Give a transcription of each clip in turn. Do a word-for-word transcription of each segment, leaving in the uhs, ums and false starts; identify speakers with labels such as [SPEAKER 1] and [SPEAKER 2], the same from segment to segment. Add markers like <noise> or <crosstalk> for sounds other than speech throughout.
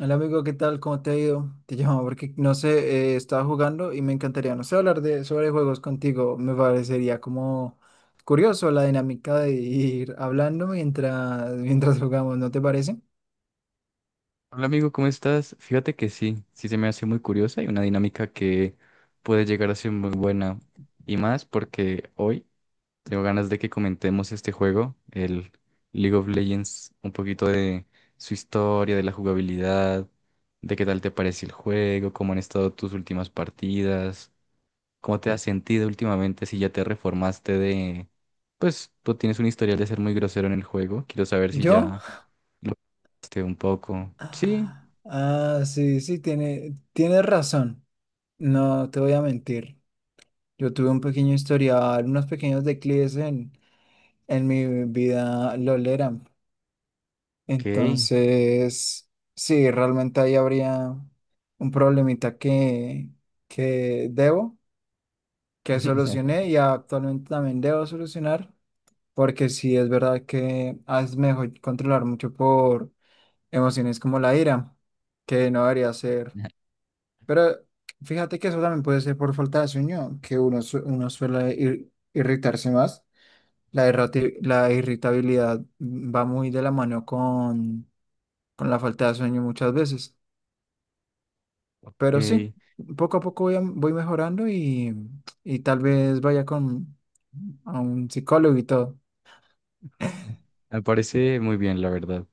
[SPEAKER 1] Hola amigo, ¿qué tal? ¿Cómo te ha ido? Te llamo porque no sé, eh, estaba jugando y me encantaría, no sé, hablar de sobre juegos contigo. Me parecería como curioso la dinámica de ir hablando mientras <laughs> mientras jugamos, ¿no te parece?
[SPEAKER 2] Hola amigo, ¿cómo estás? Fíjate que sí, sí se me hace muy curiosa y una dinámica que puede llegar a ser muy buena. Y más porque hoy tengo ganas de que comentemos este juego, el League of Legends, un poquito de su historia, de la jugabilidad, de qué tal te parece el juego, cómo han estado tus últimas partidas, cómo te has sentido últimamente, si ya te reformaste de. Pues tú tienes un historial de ser muy grosero en el juego, quiero saber si
[SPEAKER 1] ¿Yo?
[SPEAKER 2] ya lo. Un poco. Sí,
[SPEAKER 1] Ah, sí, sí, tiene, tienes razón. No te voy a mentir. Yo tuve un pequeño historial, unos pequeños declives en, en mi vida lolera.
[SPEAKER 2] ok.
[SPEAKER 1] Entonces, sí, realmente ahí habría un problemita que, que debo, que solucioné
[SPEAKER 2] <laughs>
[SPEAKER 1] y actualmente también debo solucionar, porque sí es verdad que es mejor controlar mucho por emociones como la ira, que no debería ser. Pero fíjate que eso también puede ser por falta de sueño, que uno, su- uno suele ir- irritarse más. La, irrati- la irritabilidad va muy de la mano con la falta de sueño muchas veces. Pero sí,
[SPEAKER 2] Ok.
[SPEAKER 1] poco a poco voy, a- voy mejorando y, y tal vez vaya con a un psicólogo y todo.
[SPEAKER 2] Me parece muy bien, la verdad.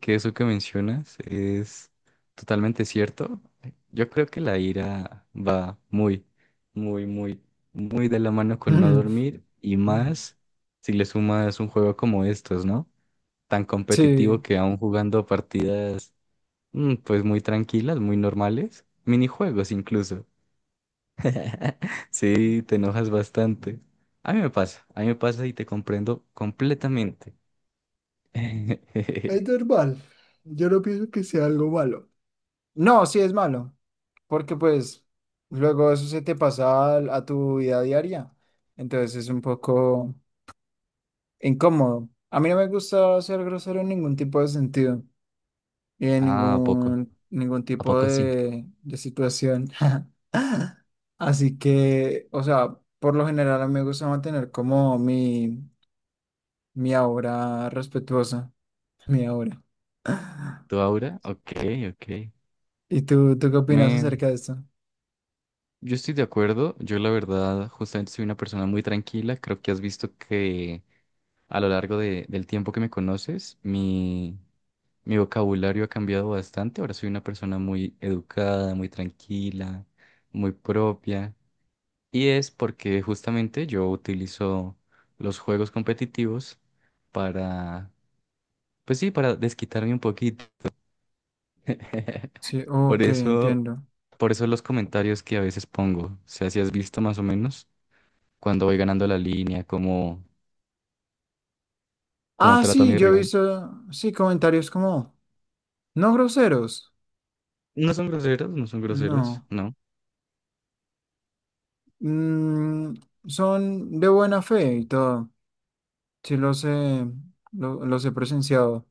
[SPEAKER 2] Que eso que mencionas es totalmente cierto. Yo creo que la ira va muy, muy, muy, muy de la mano con no
[SPEAKER 1] <laughs>
[SPEAKER 2] dormir y más si le sumas un juego como estos, ¿no? Tan competitivo
[SPEAKER 1] Sí.
[SPEAKER 2] que aún jugando partidas, mm, pues muy tranquilas, muy normales, minijuegos incluso. <laughs> Sí, te enojas bastante. A mí me pasa, a mí me pasa y te comprendo completamente.
[SPEAKER 1] Es
[SPEAKER 2] <laughs>
[SPEAKER 1] normal. Yo no pienso que sea algo malo. No, sí es malo, porque pues luego eso se te pasa al- a tu vida diaria. Entonces es un poco incómodo. A mí no me gusta ser grosero en ningún tipo de sentido. Y en
[SPEAKER 2] Ah, ¿a poco?
[SPEAKER 1] ningún, ningún
[SPEAKER 2] ¿A
[SPEAKER 1] tipo
[SPEAKER 2] poco sí?
[SPEAKER 1] de, de situación. <laughs> Así que, o sea, por lo general a mí me gusta mantener como mi, mi aura respetuosa, mi aura. <laughs>
[SPEAKER 2] ¿Tu aura? Ok, ok.
[SPEAKER 1] ¿Y tú, tú qué opinas
[SPEAKER 2] Me.
[SPEAKER 1] acerca de esto?
[SPEAKER 2] Yo estoy de acuerdo. Yo la verdad, justamente soy una persona muy tranquila. Creo que has visto que a lo largo de- del tiempo que me conoces, mi, mi vocabulario ha cambiado bastante. Ahora soy una persona muy educada, muy tranquila, muy propia. Y es porque justamente yo utilizo los juegos competitivos para, pues sí, para desquitarme un poquito.
[SPEAKER 1] Sí,
[SPEAKER 2] <laughs> Por
[SPEAKER 1] ok,
[SPEAKER 2] eso,
[SPEAKER 1] entiendo.
[SPEAKER 2] por eso los comentarios que a veces pongo, o sea, si has visto más o menos cuando voy ganando la línea, cómo, cómo
[SPEAKER 1] Ah,
[SPEAKER 2] trato a
[SPEAKER 1] sí,
[SPEAKER 2] mi
[SPEAKER 1] yo he
[SPEAKER 2] rival.
[SPEAKER 1] visto, sí, comentarios como, no groseros,
[SPEAKER 2] No son groseros, no son groseros,
[SPEAKER 1] no,
[SPEAKER 2] no.
[SPEAKER 1] mm, son de buena fe y todo, sí los he, lo- los he presenciado.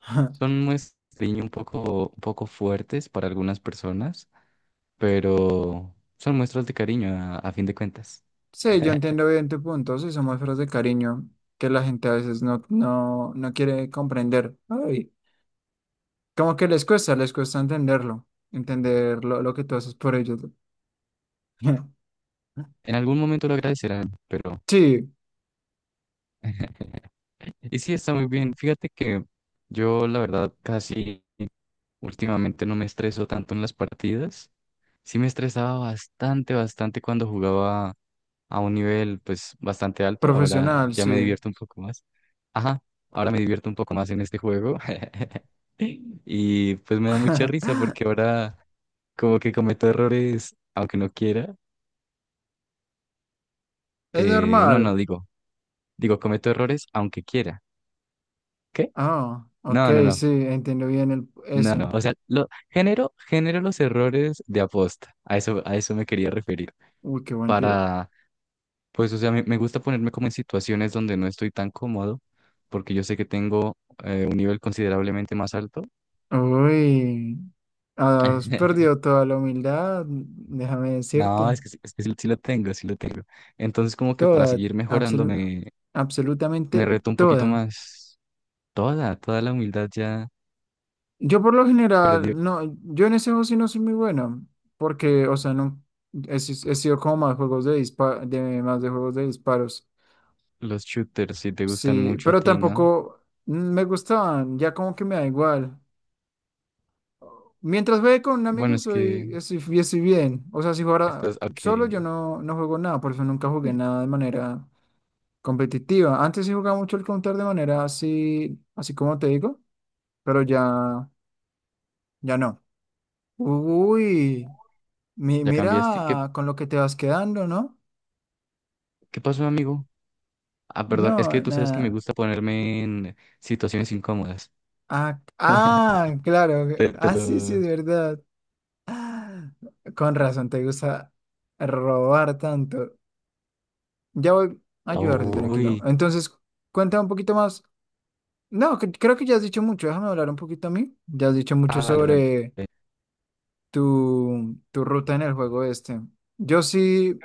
[SPEAKER 1] <laughs>
[SPEAKER 2] Son muestras un poco, un poco fuertes para algunas personas, pero son muestras de cariño a, a fin de cuentas.
[SPEAKER 1] Sí, yo
[SPEAKER 2] <laughs>
[SPEAKER 1] entiendo bien tu punto, sí, son muestras de cariño que la gente a veces no, no, no quiere comprender. Ay, como que les cuesta, les cuesta entenderlo, entender lo, lo que tú haces por ellos. <laughs>
[SPEAKER 2] En algún momento lo agradecerán, pero.
[SPEAKER 1] Sí,
[SPEAKER 2] <laughs> Y sí, está muy bien. Fíjate que yo, la verdad, casi últimamente no me estreso tanto en las partidas. Sí me estresaba bastante, bastante cuando jugaba a un nivel, pues, bastante alto. Ahora
[SPEAKER 1] profesional,
[SPEAKER 2] ya me
[SPEAKER 1] sí.
[SPEAKER 2] divierto un poco más. Ajá, ahora me divierto un poco más en este juego. <laughs> Y pues me da mucha risa
[SPEAKER 1] <laughs>
[SPEAKER 2] porque ahora como que cometo errores aunque no quiera.
[SPEAKER 1] Es
[SPEAKER 2] Eh, no, no,
[SPEAKER 1] normal.
[SPEAKER 2] digo, digo, cometo errores aunque quiera. ¿Qué?
[SPEAKER 1] Ah, ok,
[SPEAKER 2] No, no, no.
[SPEAKER 1] sí, entiendo bien el,
[SPEAKER 2] No, no,
[SPEAKER 1] eso.
[SPEAKER 2] o sea, lo, genero, genero los errores de aposta, a eso, a eso me quería referir,
[SPEAKER 1] Uy, qué buen tiro.
[SPEAKER 2] para, pues, o sea, me, me gusta ponerme como en situaciones donde no estoy tan cómodo, porque yo sé que tengo eh, un nivel considerablemente más alto.
[SPEAKER 1] Uy, has perdido
[SPEAKER 2] <laughs>
[SPEAKER 1] toda la humildad, déjame
[SPEAKER 2] No,
[SPEAKER 1] decirte.
[SPEAKER 2] es que, sí- es que sí, sí lo tengo, sí lo tengo. Entonces, como que para
[SPEAKER 1] Toda,
[SPEAKER 2] seguir mejorando
[SPEAKER 1] absoluta,
[SPEAKER 2] me, me
[SPEAKER 1] absolutamente
[SPEAKER 2] reto un poquito
[SPEAKER 1] toda.
[SPEAKER 2] más. Toda, toda la humildad ya
[SPEAKER 1] Yo por lo
[SPEAKER 2] perdió.
[SPEAKER 1] general, no, yo en ese juego sí no soy muy bueno, porque, o sea, no, he, si- he sido como más juegos de dispa- de más de juegos de disparos,
[SPEAKER 2] Los shooters si te gustan
[SPEAKER 1] sí,
[SPEAKER 2] mucho a
[SPEAKER 1] pero
[SPEAKER 2] ti, ¿no?
[SPEAKER 1] tampoco me gustaban, ya como que me da igual. Mientras juegue con un
[SPEAKER 2] Bueno,
[SPEAKER 1] amigo
[SPEAKER 2] es que
[SPEAKER 1] soy, estoy, bi- estoy bien, o sea, si jugara
[SPEAKER 2] estás, ok,
[SPEAKER 1] solo yo no, no juego nada, por eso nunca jugué nada de manera competitiva. Antes sí jugaba mucho el Counter de manera así, así como te digo, pero ya, ya no. Uy. Mi-
[SPEAKER 2] ya cambiaste. ¿Qué,
[SPEAKER 1] mira con lo que te vas quedando, ¿no?
[SPEAKER 2] qué pasó, amigo? Ah, perdón, es que
[SPEAKER 1] No,
[SPEAKER 2] tú sabes que me
[SPEAKER 1] nada.
[SPEAKER 2] gusta ponerme en situaciones incómodas.
[SPEAKER 1] Ah, ah,
[SPEAKER 2] <laughs>
[SPEAKER 1] claro.
[SPEAKER 2] Te, te
[SPEAKER 1] Ah, sí, sí, es
[SPEAKER 2] lo.
[SPEAKER 1] verdad. Ah, con razón, te gusta robar tanto. Ya voy a ayudarte, tranquilo.
[SPEAKER 2] Uy.
[SPEAKER 1] Entonces, cuenta un poquito más. No, cre- creo que ya has dicho mucho. Déjame hablar un poquito a mí. Ya has dicho mucho
[SPEAKER 2] Ah, dale, dale.
[SPEAKER 1] sobre tu, tu ruta en el juego este. Yo sí.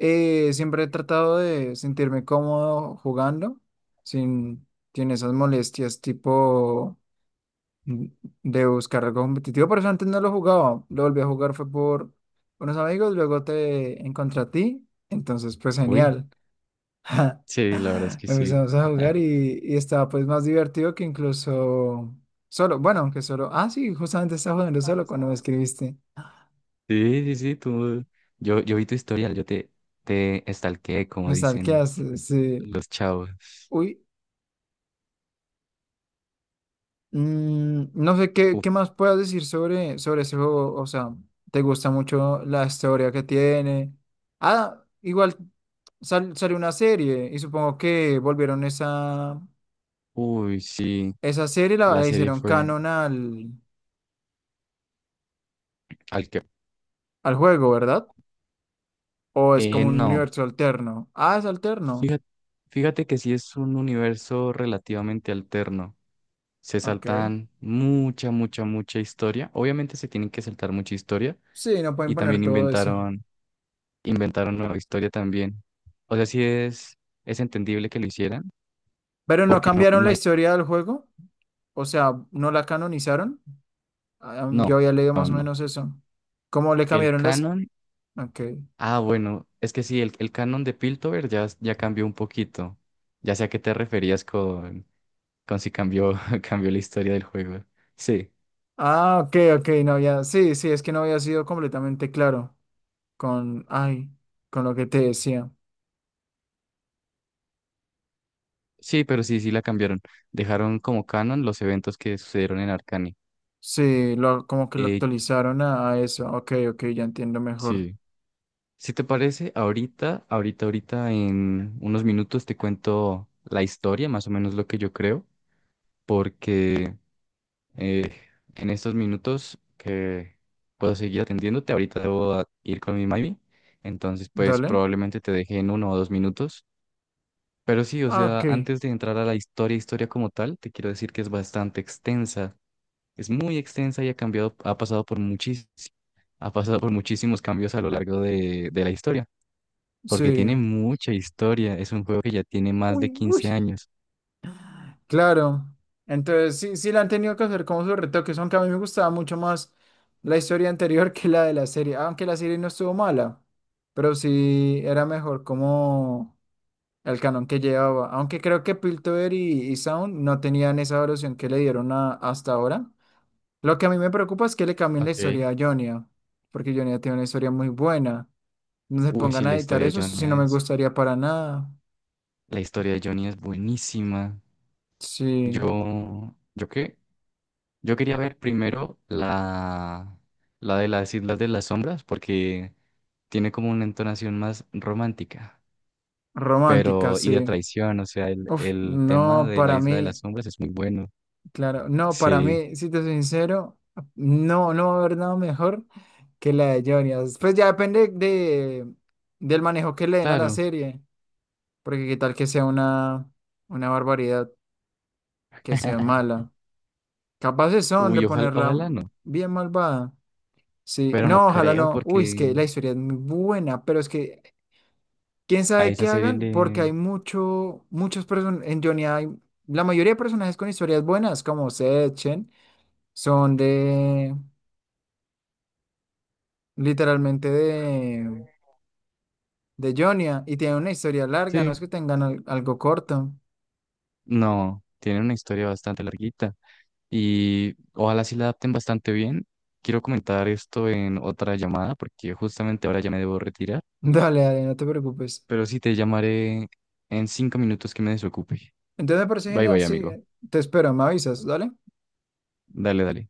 [SPEAKER 1] Eh, siempre he tratado de sentirme cómodo jugando, sin, sin esas molestias tipo mm, de buscar algo competitivo. Por eso antes no lo jugaba, lo volví a jugar fue por unos amigos, luego te encontré a ti, entonces pues
[SPEAKER 2] Uy,
[SPEAKER 1] genial.
[SPEAKER 2] sí, la verdad es
[SPEAKER 1] <laughs>
[SPEAKER 2] que sí.
[SPEAKER 1] Empezamos a jugar y, y estaba pues más divertido que incluso solo, bueno, aunque solo, ah sí, justamente estaba jugando solo cuando me escribiste,
[SPEAKER 2] Sí, sí, sí, tú. Yo, yo vi tu historial, yo te, te estalqué, como
[SPEAKER 1] me
[SPEAKER 2] dicen
[SPEAKER 1] stalkeaste, sí.
[SPEAKER 2] los chavos.
[SPEAKER 1] Uy, Mm, no sé qué,
[SPEAKER 2] Uf,
[SPEAKER 1] qué más puedas decir sobre, sobre ese juego. O sea, ¿te gusta mucho la historia que tiene? Ah, igual sal- salió una serie y supongo que volvieron esa,
[SPEAKER 2] uy, sí,
[SPEAKER 1] esa serie, la,
[SPEAKER 2] la
[SPEAKER 1] la
[SPEAKER 2] serie
[SPEAKER 1] hicieron
[SPEAKER 2] fue
[SPEAKER 1] canon al,
[SPEAKER 2] al que.
[SPEAKER 1] al juego, ¿verdad? ¿O es
[SPEAKER 2] Eh,
[SPEAKER 1] como un
[SPEAKER 2] no,
[SPEAKER 1] universo alterno? Ah, es alterno.
[SPEAKER 2] fíjate, fíjate que sí es un universo relativamente alterno. Se
[SPEAKER 1] Ok.
[SPEAKER 2] saltan mucha, mucha, mucha historia. Obviamente se tienen que saltar mucha historia
[SPEAKER 1] Sí, no
[SPEAKER 2] y
[SPEAKER 1] pueden poner
[SPEAKER 2] también
[SPEAKER 1] todo eso.
[SPEAKER 2] inventaron, inventaron nueva historia también. O sea, sí es, es entendible que lo hicieran,
[SPEAKER 1] Pero no
[SPEAKER 2] porque no,
[SPEAKER 1] cambiaron
[SPEAKER 2] no
[SPEAKER 1] la
[SPEAKER 2] hay,
[SPEAKER 1] historia del juego. O sea, no la canonizaron. Ah, yo
[SPEAKER 2] no,
[SPEAKER 1] había leído
[SPEAKER 2] no,
[SPEAKER 1] más o
[SPEAKER 2] no.
[SPEAKER 1] menos eso. Como le
[SPEAKER 2] El
[SPEAKER 1] cambiaron las.
[SPEAKER 2] canon,
[SPEAKER 1] Ok.
[SPEAKER 2] ah, bueno, es que sí, el, el canon de Piltover ya, ya cambió un poquito. Ya sé a qué te referías con, con si cambió, <laughs> cambió la historia del juego. Sí,
[SPEAKER 1] Ah, ok, ok, no había. Sí, sí, es que no había sido completamente claro con, ay, con lo que te decía.
[SPEAKER 2] sí, pero sí, sí la cambiaron. Dejaron como canon los eventos que sucedieron en Arcane.
[SPEAKER 1] Sí, lo, como que lo
[SPEAKER 2] Eh,
[SPEAKER 1] actualizaron a, a eso. Ok, ok, ya entiendo mejor.
[SPEAKER 2] sí. Si te parece, ahorita, ahorita, ahorita en unos minutos te cuento la historia, más o menos lo que yo creo, porque eh, en estos minutos que puedo seguir atendiéndote, ahorita debo a- ir con mi mami, entonces pues
[SPEAKER 1] Dale.
[SPEAKER 2] probablemente te deje en uno o dos minutos. Pero sí, o
[SPEAKER 1] Ah,
[SPEAKER 2] sea,
[SPEAKER 1] ok.
[SPEAKER 2] antes de entrar a la historia, historia como tal, te quiero decir que es bastante extensa, es muy extensa y ha cambiado, ha pasado por muchis- ha pasado por muchísimos cambios a lo largo de de la historia porque
[SPEAKER 1] Sí.
[SPEAKER 2] tiene mucha historia. Es un juego que ya tiene más de
[SPEAKER 1] Uy, uy.
[SPEAKER 2] quince años.
[SPEAKER 1] Claro. Entonces, sí, sí le han tenido que hacer como sus retoques, aunque a mí me gustaba mucho más la historia anterior <laughs> que la de la serie. Aunque la serie no estuvo mala, pero sí era mejor, como al canon que llevaba. Aunque creo que Piltover y, y Sound no tenían esa evolución que le dieron a- hasta ahora. Lo que a mí me preocupa es que le cambien la
[SPEAKER 2] Ok.
[SPEAKER 1] historia a Jonia, porque Jonia tiene una historia muy buena. No se
[SPEAKER 2] Uy, sí,
[SPEAKER 1] pongan
[SPEAKER 2] la
[SPEAKER 1] a editar
[SPEAKER 2] historia de
[SPEAKER 1] eso, eso
[SPEAKER 2] Johnny
[SPEAKER 1] sí no me
[SPEAKER 2] es,
[SPEAKER 1] gustaría para nada.
[SPEAKER 2] la historia de Johnny es buenísima.
[SPEAKER 1] Sí,
[SPEAKER 2] Yo, ¿yo qué? Yo quería ver primero la, la de las Islas de las Sombras porque tiene como una entonación más romántica,
[SPEAKER 1] romántica,
[SPEAKER 2] pero y de
[SPEAKER 1] sí.
[SPEAKER 2] traición, o sea, el,
[SPEAKER 1] Uf,
[SPEAKER 2] el tema
[SPEAKER 1] no,
[SPEAKER 2] de la
[SPEAKER 1] para
[SPEAKER 2] Isla de las
[SPEAKER 1] mí,
[SPEAKER 2] Sombras es muy bueno.
[SPEAKER 1] claro, no, para
[SPEAKER 2] Sí,
[SPEAKER 1] mí, si te soy sincero, no, no va a haber nada mejor que la de Jonia. Pues ya depende de, del manejo que le den a la
[SPEAKER 2] claro.
[SPEAKER 1] serie. Porque qué tal que sea una, una barbaridad, que sea
[SPEAKER 2] <laughs>
[SPEAKER 1] mala. Capaces son de
[SPEAKER 2] Uy, ojalá,
[SPEAKER 1] ponerla
[SPEAKER 2] ojalá no,
[SPEAKER 1] bien malvada. Sí,
[SPEAKER 2] pero no
[SPEAKER 1] no, ojalá
[SPEAKER 2] creo
[SPEAKER 1] no. Uy, es que
[SPEAKER 2] porque
[SPEAKER 1] la historia es muy buena, pero es que quién
[SPEAKER 2] a
[SPEAKER 1] sabe
[SPEAKER 2] esa
[SPEAKER 1] qué
[SPEAKER 2] serie
[SPEAKER 1] hagan, porque
[SPEAKER 2] le.
[SPEAKER 1] hay mucho, muchos personajes, en Johnny hay, la mayoría de personajes con historias buenas, como Seth, Chen, son de, literalmente de, de Johnny, y tienen una historia larga, no
[SPEAKER 2] Sí,
[SPEAKER 1] es que tengan al- algo corto. <laughs>
[SPEAKER 2] no, tiene una historia bastante larguita y ojalá sí la adapten bastante bien. Quiero comentar esto en otra llamada porque justamente ahora ya me debo retirar,
[SPEAKER 1] Dale, dale, no te preocupes.
[SPEAKER 2] pero sí te llamaré en cinco minutos que me desocupe.
[SPEAKER 1] Entonces me parece
[SPEAKER 2] Bye
[SPEAKER 1] genial,
[SPEAKER 2] bye,
[SPEAKER 1] sí.
[SPEAKER 2] amigo.
[SPEAKER 1] eh, Te espero, me avisas, ¿dale?
[SPEAKER 2] Dale, dale.